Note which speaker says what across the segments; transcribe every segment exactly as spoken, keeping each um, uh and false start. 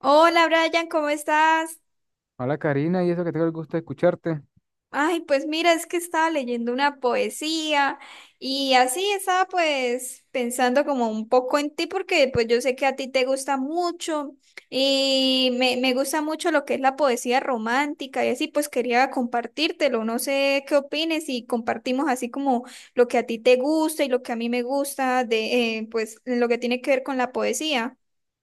Speaker 1: Hola Brian, ¿cómo estás?
Speaker 2: Hola Karina, y eso que tengo el gusto de escucharte.
Speaker 1: Ay, pues mira, es que estaba leyendo una poesía y así estaba pues pensando como un poco en ti porque pues yo sé que a ti te gusta mucho y me, me gusta mucho lo que es la poesía romántica y así pues quería compartírtelo, no sé qué opines y compartimos así como lo que a ti te gusta y lo que a mí me gusta de eh, pues lo que tiene que ver con la poesía.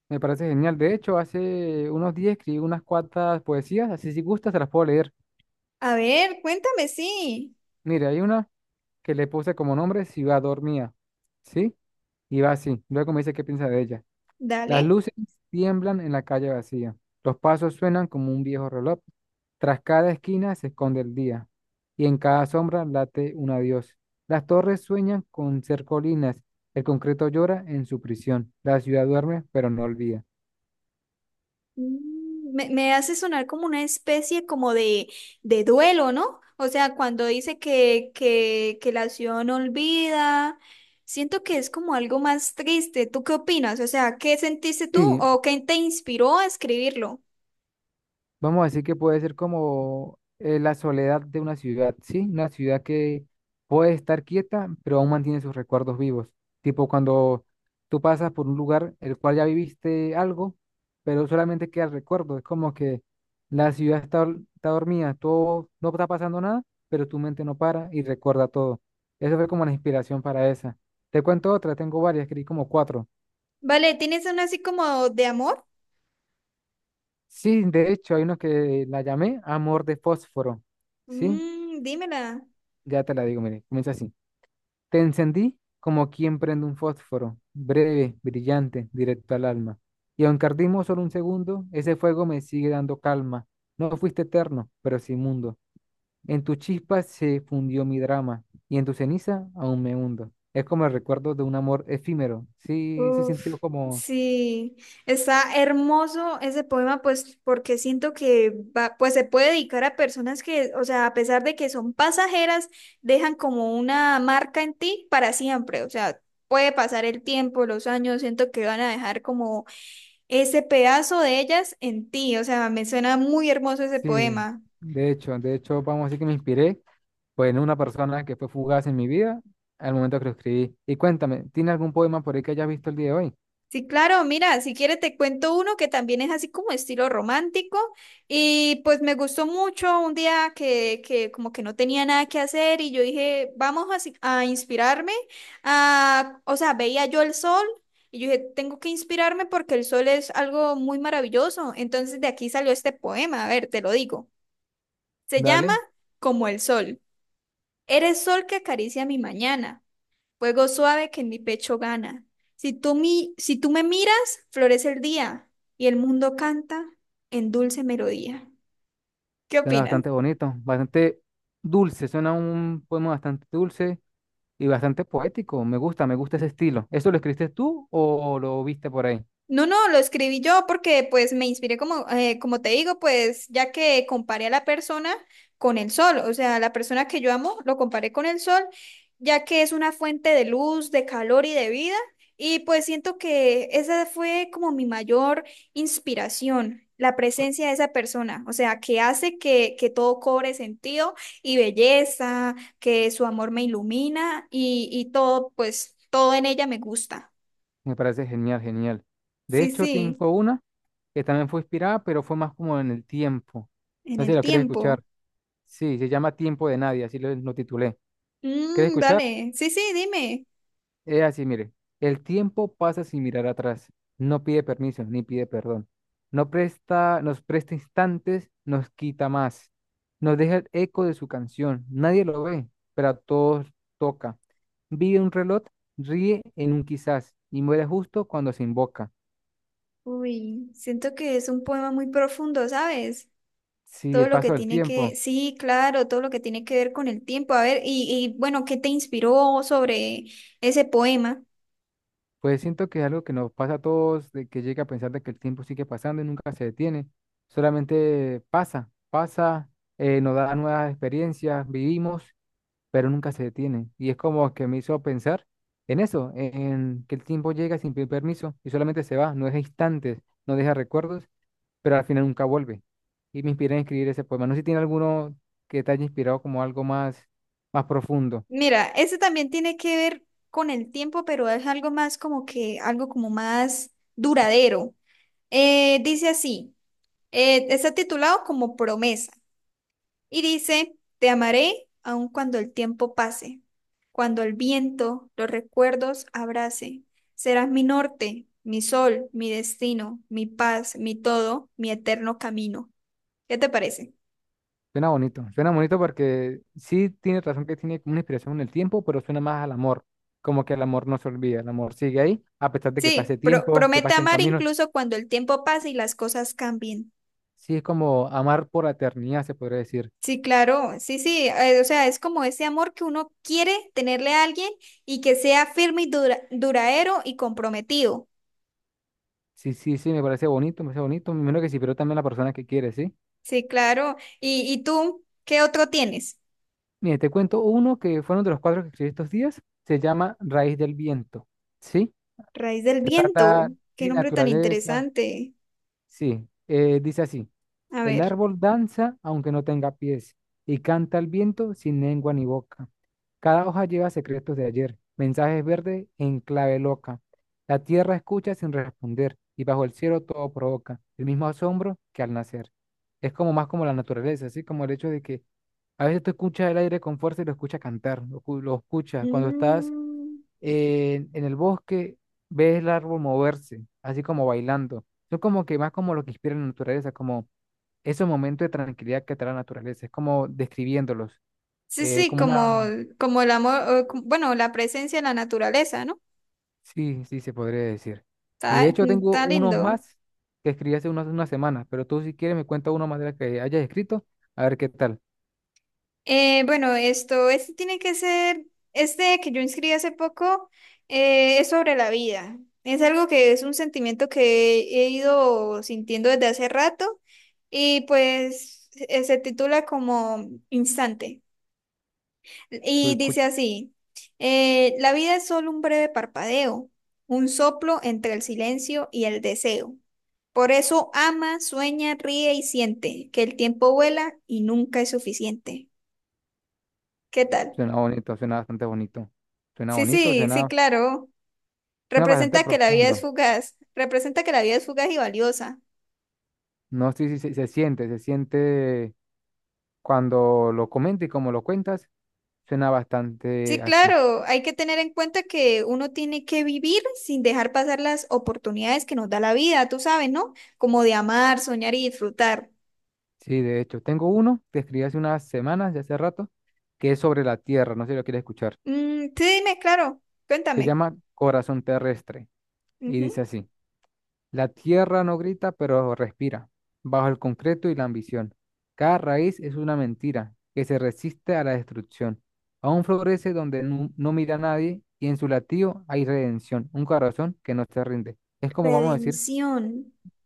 Speaker 2: Me parece genial. De hecho, hace unos días escribí unas cuantas poesías, así si gustas te las puedo leer.
Speaker 1: A ver, cuéntame, sí,
Speaker 2: Mire, hay una que le puse como nombre Ciudad Dormía, ¿sí? Y va así. Luego me dice qué piensa de ella. Las
Speaker 1: dale.
Speaker 2: luces tiemblan en la calle vacía. Los pasos suenan como un viejo reloj. Tras cada esquina se esconde el día. Y en cada sombra late un adiós. Las torres sueñan con ser colinas. El concreto llora en su prisión. La ciudad duerme, pero no olvida.
Speaker 1: Mm, Me, me hace sonar como una especie como de, de duelo, ¿no? O sea, cuando dice que, que, que la acción olvida, siento que es como algo más triste. ¿Tú qué opinas? O sea, ¿qué sentiste tú
Speaker 2: Sí,
Speaker 1: o qué te inspiró a escribirlo?
Speaker 2: vamos a decir que puede ser como eh, la soledad de una ciudad, ¿sí? Una ciudad que puede estar quieta, pero aún mantiene sus recuerdos vivos. Tipo cuando tú pasas por un lugar el cual ya viviste algo, pero solamente queda el recuerdo. Es como que la ciudad está, dor- está dormida, todo, no está pasando nada, pero tu mente no para y recuerda todo. Eso fue como la inspiración para esa. Te cuento otra, tengo varias, escribí como cuatro.
Speaker 1: Vale, ¿tienes una así como de amor?
Speaker 2: Sí, de hecho, hay uno que la llamé Amor de Fósforo, ¿sí?
Speaker 1: Mm, dímela.
Speaker 2: Ya te la digo, mire, comienza así. Te encendí como quien prende un fósforo, breve, brillante, directo al alma. Y aunque ardimos solo un segundo, ese fuego me sigue dando calma. No fuiste eterno, pero sí mundo. En tu chispa se fundió mi drama, y en tu ceniza aún me hundo. Es como el recuerdo de un amor efímero. Sí, sí sintió
Speaker 1: Uf,
Speaker 2: como.
Speaker 1: sí, está hermoso ese poema, pues porque siento que va, pues se puede dedicar a personas que, o sea, a pesar de que son pasajeras, dejan como una marca en ti para siempre, o sea, puede pasar el tiempo, los años, siento que van a dejar como ese pedazo de ellas en ti, o sea, me suena muy hermoso ese
Speaker 2: Sí,
Speaker 1: poema.
Speaker 2: de hecho, de hecho, vamos a decir que me inspiré, pues, en una persona que fue fugaz en mi vida al momento que lo escribí. Y cuéntame, ¿tiene algún poema por ahí que hayas visto el día de hoy?
Speaker 1: Sí, claro, mira, si quieres te cuento uno que también es así como estilo romántico y pues me gustó mucho un día que, que como que no tenía nada que hacer y yo dije, vamos así a inspirarme, a, o sea, veía yo el sol y yo dije, tengo que inspirarme porque el sol es algo muy maravilloso. Entonces de aquí salió este poema, a ver, te lo digo. Se llama
Speaker 2: Dale,
Speaker 1: Como el sol. Eres sol que acaricia mi mañana, fuego suave que en mi pecho gana. Si tú, mi, si tú me miras, florece el día y el mundo canta en dulce melodía. ¿Qué
Speaker 2: suena
Speaker 1: opinas?
Speaker 2: bastante bonito, bastante dulce, suena un poema bastante dulce y bastante poético. Me gusta, me gusta ese estilo. ¿Eso lo escribiste tú o lo viste por ahí?
Speaker 1: No, no, lo escribí yo porque pues me inspiré como, eh, como te digo, pues ya que comparé a la persona con el sol, o sea, la persona que yo amo lo comparé con el sol, ya que es una fuente de luz, de calor y de vida, y pues siento que esa fue como mi mayor inspiración, la presencia de esa persona, o sea, que hace que, que todo cobre sentido y belleza, que su amor me ilumina y, y todo, pues todo en ella me gusta.
Speaker 2: Me parece genial, genial. De
Speaker 1: Sí,
Speaker 2: hecho,
Speaker 1: sí.
Speaker 2: tengo una que también fue inspirada, pero fue más como en el tiempo.
Speaker 1: En
Speaker 2: No sé si
Speaker 1: el
Speaker 2: lo quieres
Speaker 1: tiempo.
Speaker 2: escuchar. Sí, se llama Tiempo de Nadie, así lo, lo titulé. ¿Quieres
Speaker 1: Mm,
Speaker 2: escuchar?
Speaker 1: dale. Sí, sí, dime.
Speaker 2: Es así, mire. El tiempo pasa sin mirar atrás. No pide permiso ni pide perdón. No presta, Nos presta instantes, nos quita más. Nos deja el eco de su canción. Nadie lo ve, pero a todos toca. Vive un reloj, ríe en un quizás y muere justo cuando se invoca.
Speaker 1: Uy, siento que es un poema muy profundo, ¿sabes?
Speaker 2: Sí,
Speaker 1: Todo
Speaker 2: el
Speaker 1: lo que
Speaker 2: paso del
Speaker 1: tiene que,
Speaker 2: tiempo.
Speaker 1: sí, claro, todo lo que tiene que ver con el tiempo. A ver, y, y bueno, ¿qué te inspiró sobre ese poema?
Speaker 2: Pues siento que es algo que nos pasa a todos, de que llega a pensar de que el tiempo sigue pasando y nunca se detiene. Solamente pasa, pasa, eh, nos da nuevas experiencias, vivimos, pero nunca se detiene. Y es como que me hizo pensar en eso, en que el tiempo llega sin pedir permiso y solamente se va, no deja instantes, no deja recuerdos, pero al final nunca vuelve. Y me inspiré a escribir ese poema. No sé si tiene alguno que te haya inspirado como algo más, más profundo.
Speaker 1: Mira, ese también tiene que ver con el tiempo, pero es algo más como que, algo como más duradero. Eh, dice así, eh, está titulado como Promesa. Y dice, te amaré aun cuando el tiempo pase, cuando el viento los recuerdos abrace. Serás mi norte, mi sol, mi destino, mi paz, mi todo, mi eterno camino. ¿Qué te parece?
Speaker 2: Suena bonito, suena bonito porque sí tiene razón que tiene como una inspiración en el tiempo, pero suena más al amor, como que el amor no se olvida, el amor sigue ahí, a pesar de que pase
Speaker 1: Sí, pro-
Speaker 2: tiempo, que
Speaker 1: promete
Speaker 2: pasen
Speaker 1: amar
Speaker 2: caminos,
Speaker 1: incluso cuando el tiempo pase y las cosas cambien.
Speaker 2: sí es como amar por la eternidad, se podría decir.
Speaker 1: Sí, claro, sí, sí, eh, o sea, es como ese amor que uno quiere tenerle a alguien y que sea firme y dura- duradero y comprometido.
Speaker 2: Sí, sí, sí, me parece bonito, me parece bonito, menos que sí, pero también la persona que quiere, ¿sí?
Speaker 1: Sí, claro. ¿Y, y tú qué otro tienes?
Speaker 2: Mire, te cuento uno que fue uno de los cuadros que escribí estos días, se llama Raíz del Viento, ¿sí?
Speaker 1: Raíz del
Speaker 2: Se trata
Speaker 1: viento. Qué
Speaker 2: de
Speaker 1: nombre tan
Speaker 2: naturaleza,
Speaker 1: interesante.
Speaker 2: sí, eh, dice así.
Speaker 1: A
Speaker 2: El
Speaker 1: ver.
Speaker 2: árbol danza aunque no tenga pies y canta al viento sin lengua ni boca. Cada hoja lleva secretos de ayer, mensajes verdes en clave loca. La tierra escucha sin responder y bajo el cielo todo provoca el mismo asombro que al nacer. Es como más como la naturaleza, así como el hecho de que a veces tú escuchas el aire con fuerza y lo escuchas cantar, lo, escu- lo escuchas. Cuando estás
Speaker 1: Mm,
Speaker 2: eh, en el bosque, ves el árbol moverse, así como bailando. Son como que más como lo que inspira la naturaleza, como ese momento de tranquilidad que trae la naturaleza, es como describiéndolos,
Speaker 1: sí,
Speaker 2: eh,
Speaker 1: sí,
Speaker 2: como
Speaker 1: como,
Speaker 2: una,
Speaker 1: como el amor, o como... bueno, la presencia de la naturaleza, ¿no?
Speaker 2: sí, sí, se podría decir. Y
Speaker 1: Está,
Speaker 2: de hecho tengo
Speaker 1: está
Speaker 2: unos
Speaker 1: lindo.
Speaker 2: más que escribí hace unas, unas semanas, pero tú si quieres me cuenta uno más de los que hayas escrito, a ver qué tal.
Speaker 1: Eh, bueno, esto, este tiene que ser, este que yo inscribí hace poco, eh, es sobre la vida. Es algo que es un sentimiento que he ido sintiendo desde hace rato y pues eh, se titula como Instante.
Speaker 2: Su-
Speaker 1: Y
Speaker 2: escu-
Speaker 1: dice así, eh, la vida es solo un breve parpadeo, un soplo entre el silencio y el deseo. Por eso ama, sueña, ríe y siente que el tiempo vuela y nunca es suficiente. ¿Qué tal?
Speaker 2: Suena bonito, suena bastante bonito, suena
Speaker 1: Sí,
Speaker 2: bonito,
Speaker 1: sí, sí,
Speaker 2: suena,
Speaker 1: claro.
Speaker 2: suena bastante
Speaker 1: Representa que la vida es
Speaker 2: profundo.
Speaker 1: fugaz. Representa que la vida es fugaz y valiosa.
Speaker 2: No sé si se, se siente, se siente cuando lo comentes y como lo cuentas, suena bastante
Speaker 1: Sí,
Speaker 2: así.
Speaker 1: claro. Hay que tener en cuenta que uno tiene que vivir sin dejar pasar las oportunidades que nos da la vida, tú sabes, ¿no? Como de amar, soñar y disfrutar.
Speaker 2: Sí, de hecho, tengo uno que escribí hace unas semanas, ya hace rato, que es sobre la Tierra, no sé si lo quieres escuchar.
Speaker 1: Mm, sí, dime, claro,
Speaker 2: Se
Speaker 1: cuéntame.
Speaker 2: llama Corazón Terrestre y
Speaker 1: Ujú.
Speaker 2: dice así, la Tierra no grita, pero respira, bajo el concreto y la ambición. Cada raíz es una mentira que se resiste a la destrucción. Aún florece donde nu- no mira a nadie y en su latido hay redención, un corazón que no se rinde. Es como vamos a decir.
Speaker 1: Redención.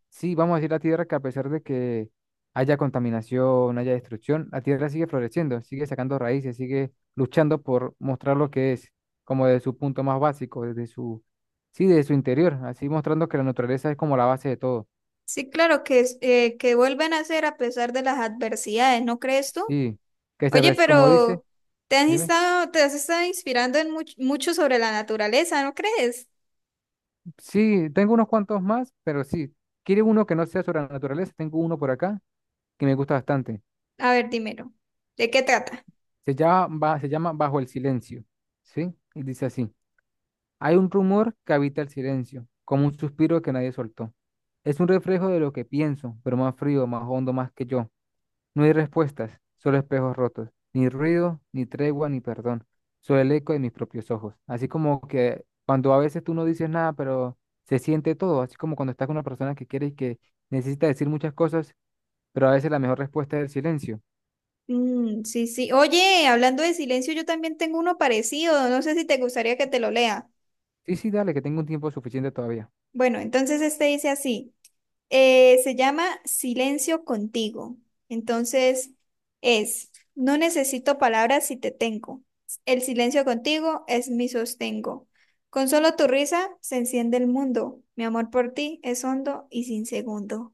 Speaker 2: Sí, vamos a decir la Tierra que a pesar de que haya contaminación, haya destrucción, la Tierra sigue floreciendo, sigue sacando raíces, sigue luchando por mostrar lo que es, como desde su punto más básico, desde su, sí, desde su interior, así mostrando que la naturaleza es como la base de todo.
Speaker 1: Sí, claro, que, es- eh, que vuelven a ser a pesar de las adversidades, ¿no crees tú?
Speaker 2: Sí, que se,
Speaker 1: Oye,
Speaker 2: res- como dice,
Speaker 1: pero te has
Speaker 2: dime,
Speaker 1: estado, te has estado inspirando en much- mucho sobre la naturaleza, ¿no crees?
Speaker 2: sí, tengo unos cuantos más, pero sí, quiere uno que no sea sobre la naturaleza, tengo uno por acá que me gusta bastante.
Speaker 1: A ver, dímelo. ¿De qué trata?
Speaker 2: Se llama, va- se llama Bajo el Silencio, ¿sí? Y dice así. Hay un rumor que habita el silencio, como un suspiro que nadie soltó. Es un reflejo de lo que pienso, pero más frío, más hondo, más que yo. No hay respuestas, solo espejos rotos, ni ruido, ni tregua, ni perdón, solo el eco de mis propios ojos. Así como que cuando a veces tú no dices nada, pero se siente todo, así como cuando estás con una persona que quiere y que necesita decir muchas cosas, pero a veces la mejor respuesta es el silencio.
Speaker 1: Mm, sí, sí. Oye, hablando de silencio, yo también tengo uno parecido. No sé si te gustaría que te lo lea.
Speaker 2: Sí, sí, dale, que tengo un tiempo suficiente todavía.
Speaker 1: Bueno, entonces este dice así. Eh, se llama Silencio contigo. Entonces es, no necesito palabras si te tengo. El silencio contigo es mi sostengo. Con solo tu risa se enciende el mundo. Mi amor por ti es hondo y sin segundo.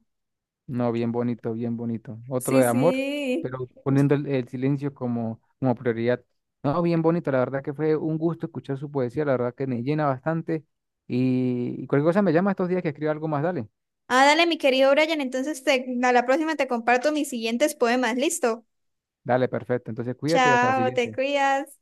Speaker 2: No, bien bonito, bien bonito. Otro
Speaker 1: Sí,
Speaker 2: de amor,
Speaker 1: sí.
Speaker 2: pero poniendo el, el silencio como, como prioridad. No, bien bonito, la verdad que fue un gusto escuchar su poesía, la verdad que me llena bastante. Y, y cualquier cosa me llama estos días que escriba algo más, dale.
Speaker 1: Ah, dale, mi querido Brian. Entonces te- a la próxima te comparto mis siguientes poemas. ¿Listo?
Speaker 2: Dale, perfecto. Entonces cuídate y hasta la
Speaker 1: Chao, te
Speaker 2: siguiente.
Speaker 1: cuidas.